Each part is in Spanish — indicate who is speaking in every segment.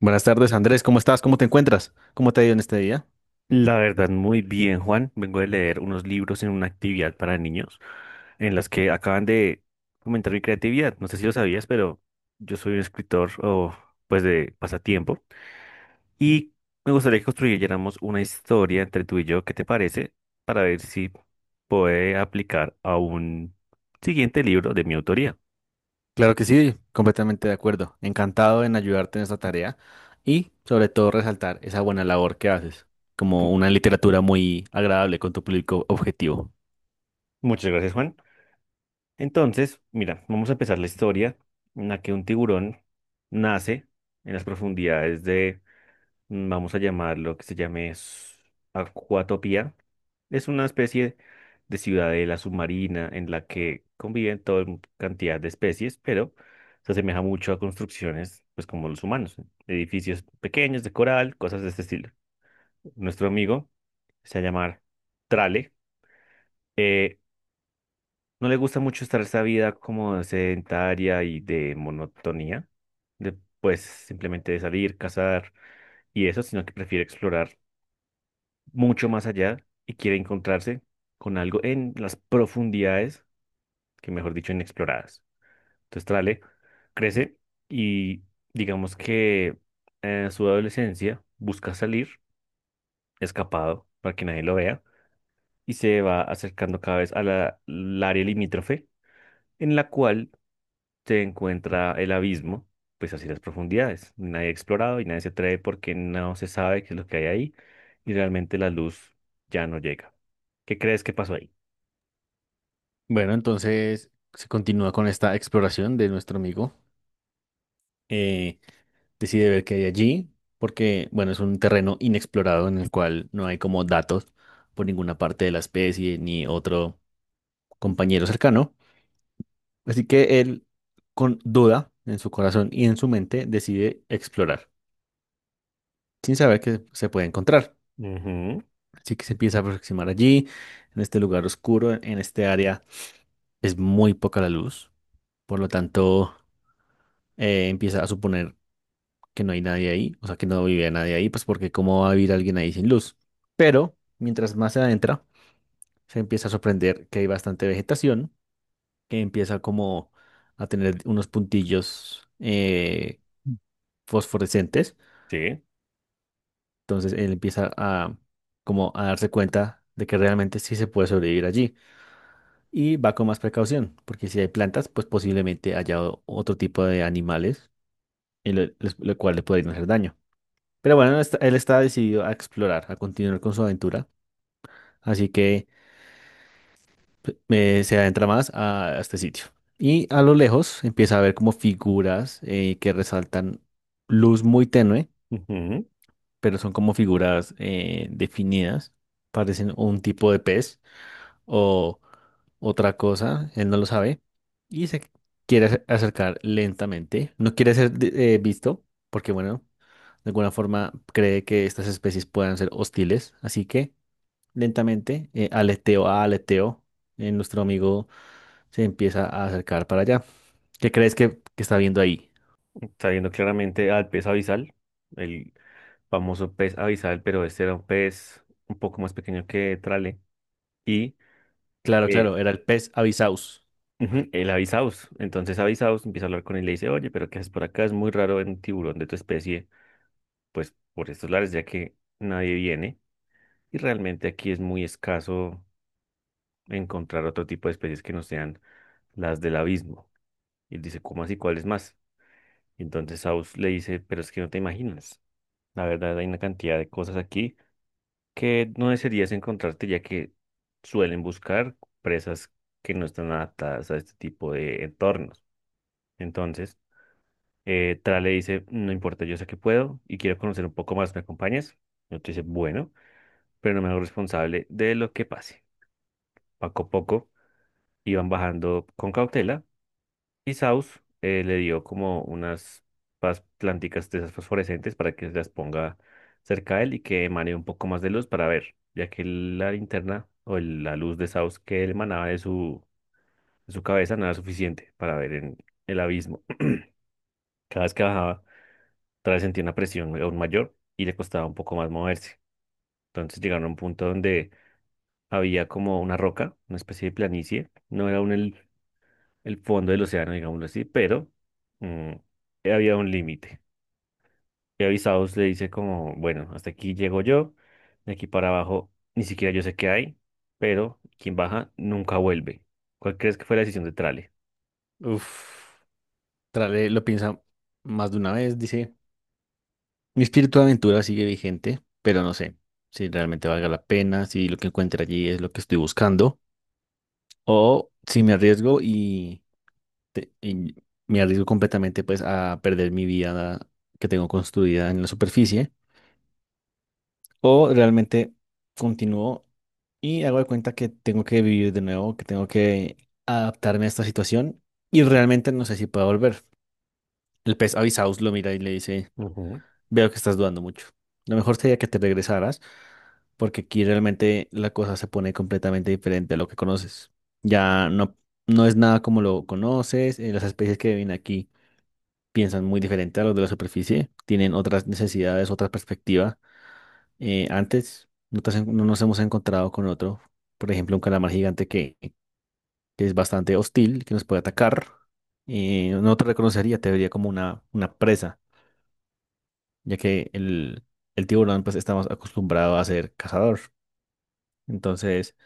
Speaker 1: Buenas tardes, Andrés. ¿Cómo estás? ¿Cómo te encuentras? ¿Cómo te ha ido en este día?
Speaker 2: La verdad, muy bien, Juan. Vengo de leer unos libros en una actividad para niños en las que acaban de aumentar mi creatividad. No sé si lo sabías, pero yo soy un escritor o pues de pasatiempo y me gustaría que construyéramos una historia entre tú y yo. ¿Qué te parece? Para ver si puede aplicar a un siguiente libro de mi autoría.
Speaker 1: Claro que sí, completamente de acuerdo. Encantado en ayudarte en esta tarea y sobre todo resaltar esa buena labor que haces, como
Speaker 2: Pu-
Speaker 1: una literatura muy agradable con tu público objetivo.
Speaker 2: Muchas gracias, Juan. Entonces, mira, vamos a empezar la historia en la que un tiburón nace en las profundidades. Vamos a llamarlo, que se llame Acuatopía. Es una especie de ciudadela submarina en la que conviven cantidad de especies, pero se asemeja mucho a construcciones, pues como los humanos, edificios pequeños de coral, cosas de este estilo. Nuestro amigo se llama Trale. eh, no le gusta mucho estar esa vida como sedentaria y de monotonía, de pues simplemente de salir, cazar y eso, sino que prefiere explorar mucho más allá y quiere encontrarse con algo en las profundidades, que mejor dicho, inexploradas. Entonces Trale crece y digamos que en su adolescencia busca salir escapado para que nadie lo vea y se va acercando cada vez a al área limítrofe en la cual se encuentra el abismo, pues así las profundidades. Nadie ha explorado y nadie se atreve porque no se sabe qué es lo que hay ahí y realmente la luz ya no llega. ¿Qué crees que pasó ahí?
Speaker 1: Bueno, entonces se continúa con esta exploración de nuestro amigo. Eh, decide ver qué hay allí, porque, bueno, es un terreno inexplorado en el cual no hay como datos por ninguna parte de la especie ni otro compañero cercano. Así que él, con duda en su corazón y en su mente, decide explorar, sin saber que se puede encontrar.
Speaker 2: Ujú.
Speaker 1: Así que se empieza a aproximar allí, en este lugar oscuro, en este área es muy poca la luz, por lo tanto empieza a suponer que no hay nadie ahí, o sea, que no vive nadie ahí, pues porque cómo va a vivir alguien ahí sin luz. Pero mientras más se adentra, se empieza a sorprender que hay bastante vegetación, que empieza como a tener unos puntillos fosforescentes.
Speaker 2: Sí.
Speaker 1: Entonces él empieza a como a darse cuenta de que realmente sí se puede sobrevivir allí y va con más precaución, porque si hay plantas, pues posiblemente haya otro tipo de animales, y lo cual le podrían hacer daño. Pero bueno, él está decidido a explorar, a continuar con su aventura, así que p- se adentra a este sitio. Y a lo lejos empieza a ver como figuras que resaltan luz muy tenue,
Speaker 2: Ujú.
Speaker 1: pero son como figuras definidas, parecen un tipo de pez, o otra cosa, él no lo sabe y se quiere acercar lentamente. No quiere ser visto porque, bueno, de alguna forma cree que estas especies puedan ser hostiles, así que lentamente, aleteo a aleteo, nuestro amigo se empieza a acercar para allá. ¿Qué crees que está viendo ahí?
Speaker 2: Está viendo claramente al pez abisal, el famoso pez abisal, pero este era un pez un poco más pequeño que Trale. Y
Speaker 1: Claro,
Speaker 2: eh,
Speaker 1: claro, era el pez avisaus.
Speaker 2: ujú, el avisaus. Entonces avisaus empieza a hablar con él y le dice, oye, pero ¿qué haces por acá? Es muy raro ver un tiburón de tu especie, pues por estos lares, ya que nadie viene. Y realmente aquí es muy escaso encontrar otro tipo de especies que no sean las del abismo. Y él dice, ¿cómo así? ¿Cuáles más? Y entonces Saus le dice, pero es que no te imaginas. La verdad, hay una cantidad de cosas aquí que no desearías encontrarte, ya que suelen buscar presas que no están adaptadas a este tipo de entornos. Entonces, Tra le dice, no importa, yo sé que puedo y quiero conocer un poco más, ¿me acompañas? Y otro dice, bueno, pero no me hago responsable de lo que pase. Poco a poco iban bajando con cautela. Y Saus le dio como unas planticas de esas fosforescentes para que las ponga cerca de él y que emane un poco más de luz para ver, ya que la linterna o la luz de Saus que él emanaba de su cabeza no era suficiente para ver en el abismo. Cada vez que bajaba, otra vez sentía una presión aún mayor y le costaba un poco más moverse. Entonces llegaron a un punto donde había como una roca, una especie de planicie. No era el fondo del océano, digámoslo así, pero mm, había un límite. Y avisados le dice como, bueno, hasta aquí llego yo, de aquí para abajo ni siquiera yo sé qué hay, pero quien baja nunca vuelve. ¿Cuál crees que fue la decisión de Trale?
Speaker 1: Uf, Trale lo piensa más de una vez, dice. Mi espíritu de aventura sigue vigente, pero no sé si realmente valga la pena, si lo que encuentre allí es lo que estoy buscando, o si me arriesgo y me arriesgo completamente pues a perder mi vida que tengo construida en la superficie, o realmente continúo y hago de cuenta que tengo que vivir de nuevo, que tengo que adaptarme a esta situación y realmente no sé si puedo volver. El pez avisaus lo mira y le dice:
Speaker 2: Ujú.
Speaker 1: Veo que estás dudando mucho. Lo mejor sería que te regresaras, porque aquí realmente la cosa se pone completamente diferente a lo que conoces. Ya no, no es nada como lo conoces. Las especies que viven aquí piensan muy diferente a los de la superficie. Tienen otras necesidades, otra perspectiva. Antes no, te has en- No nos hemos encontrado con otro, por ejemplo, un calamar gigante que es bastante hostil, que nos puede atacar. No te reconocería, te vería como una presa, ya que el tiburón pues está más acostumbrado a ser cazador. Entonces,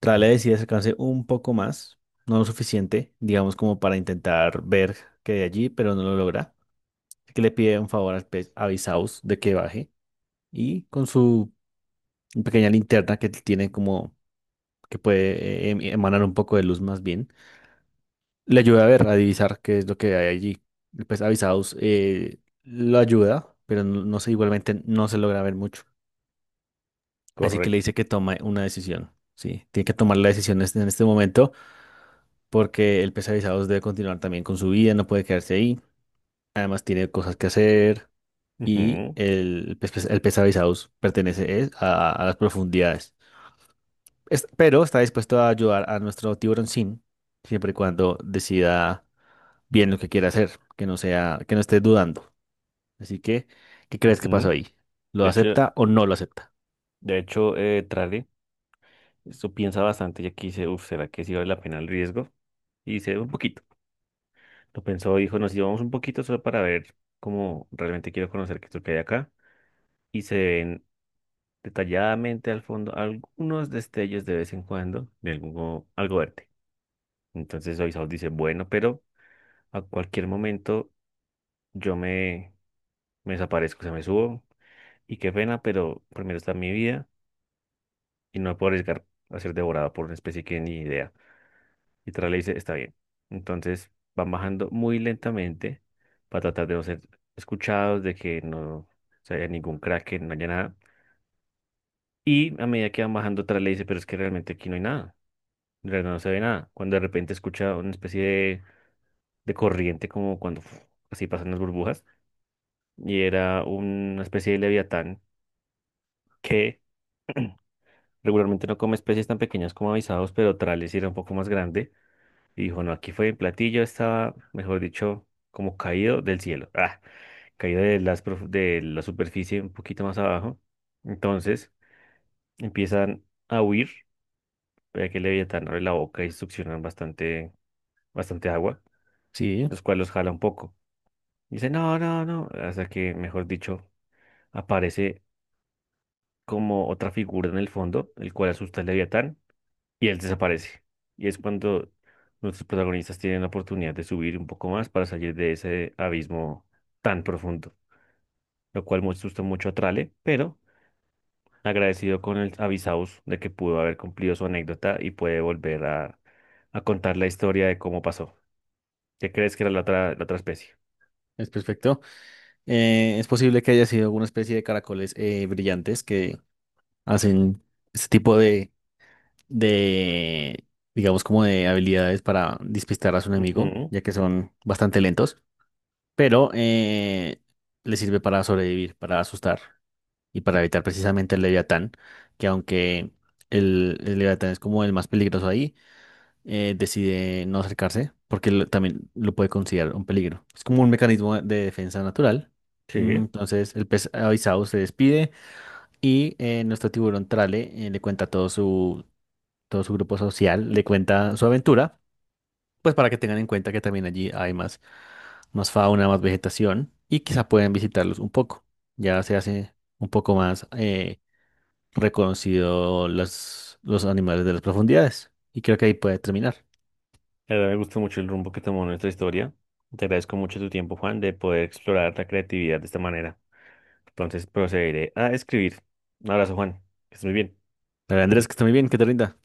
Speaker 1: Trale decide acercarse un poco más, no lo suficiente, digamos, como para intentar ver que hay allí, pero no lo logra. Así que le pide un favor al pez avisaos de que baje y con su pequeña linterna que tiene, como que puede emanar un poco de luz más bien, le ayuda a ver, a divisar qué es lo que hay allí. El pez avisaos lo ayuda, pero no, no sé, igualmente no se logra ver mucho. Así que le
Speaker 2: Correcto.
Speaker 1: dice que tome una decisión. Sí, tiene que tomar la decisión en este momento porque el pesavisados debe continuar también con su vida, no puede quedarse ahí. Además tiene cosas que hacer y
Speaker 2: Ujú.
Speaker 1: el pesavisados pertenece es a las profundidades. Pero está dispuesto a ayudar a nuestro tiburón, sin, siempre y cuando decida bien lo que quiere hacer, que no esté dudando. Así que, ¿qué crees que pasó
Speaker 2: Ujú.
Speaker 1: ahí? ¿Lo
Speaker 2: De hecho,
Speaker 1: acepta o no lo acepta?
Speaker 2: de hecho, Trale esto piensa bastante y aquí dice, uff, ¿será que sí vale la pena el riesgo? Y dice, un poquito. Lo pensó, dijo, nos íbamos un poquito solo para ver cómo realmente quiero conocer qué es lo que hay acá. Y se ven detalladamente al fondo algunos destellos de vez en cuando de algo, algo verde. Entonces Oisaos dice, bueno, pero a cualquier momento yo me, me desaparezco, se me subo y qué pena, pero primero está mi vida y no me puedo arriesgar a ser devorado por una especie que ni idea. Y Tras le dice, está bien. Entonces van bajando muy lentamente para tratar de no ser escuchados, de que no se haya ningún crack, no haya nada. Y a medida que van bajando, Tras le dice, pero es que realmente aquí no hay nada. Pero no se ve nada. Cuando de repente escucha una especie de corriente, como cuando uf, así pasan las burbujas, y era una especie de leviatán que regularmente no come especies tan pequeñas como avisados, pero Trales era un poco más grande. Y dijo: No, aquí fue en platillo, estaba, mejor dicho, como caído del cielo, ah, caído de, las, de la superficie un poquito más abajo. Entonces empiezan a huir, pero que el leviatán abre la boca y succionan bastante, bastante agua,
Speaker 1: Sí,
Speaker 2: los cuales los jala un poco. Dice, no, no, no. Hasta que, mejor dicho, aparece como otra figura en el fondo, el cual asusta al Leviatán, y él desaparece. Y es cuando nuestros protagonistas tienen la oportunidad de subir un poco más para salir de ese abismo tan profundo, lo cual me asusta mucho a Trale, pero agradecido con el Avisaus de que pudo haber cumplido su anécdota y puede volver a contar la historia de cómo pasó. ¿Qué crees que era la otra especie?
Speaker 1: es perfecto. Es posible que haya sido alguna especie de caracoles brillantes que hacen este tipo de, digamos, como de habilidades para despistar a su enemigo,
Speaker 2: Ujú.
Speaker 1: ya que son bastante lentos, pero le sirve para sobrevivir, para asustar y para evitar precisamente el Leviatán, que aunque el Leviatán es como el más peligroso ahí, decide no acercarse porque también lo puede considerar un peligro. Es como un mecanismo de defensa natural.
Speaker 2: Sí.
Speaker 1: Entonces el pez avisado se despide y nuestro tiburón trale le cuenta todo todo su grupo social, le cuenta su aventura, pues para que tengan en cuenta que también allí hay más, más fauna, más vegetación y quizá pueden visitarlos un poco. Ya se hace un poco más reconocido los animales de las profundidades y creo que ahí puede terminar.
Speaker 2: La verdad me gustó mucho el rumbo que tomó nuestra historia. Te agradezco mucho tu tiempo, Juan, de poder explorar la creatividad de esta manera. Entonces procederé a escribir. Un abrazo, Juan. Que estés muy bien.
Speaker 1: Pero Andrés, que está muy bien, que te rinda.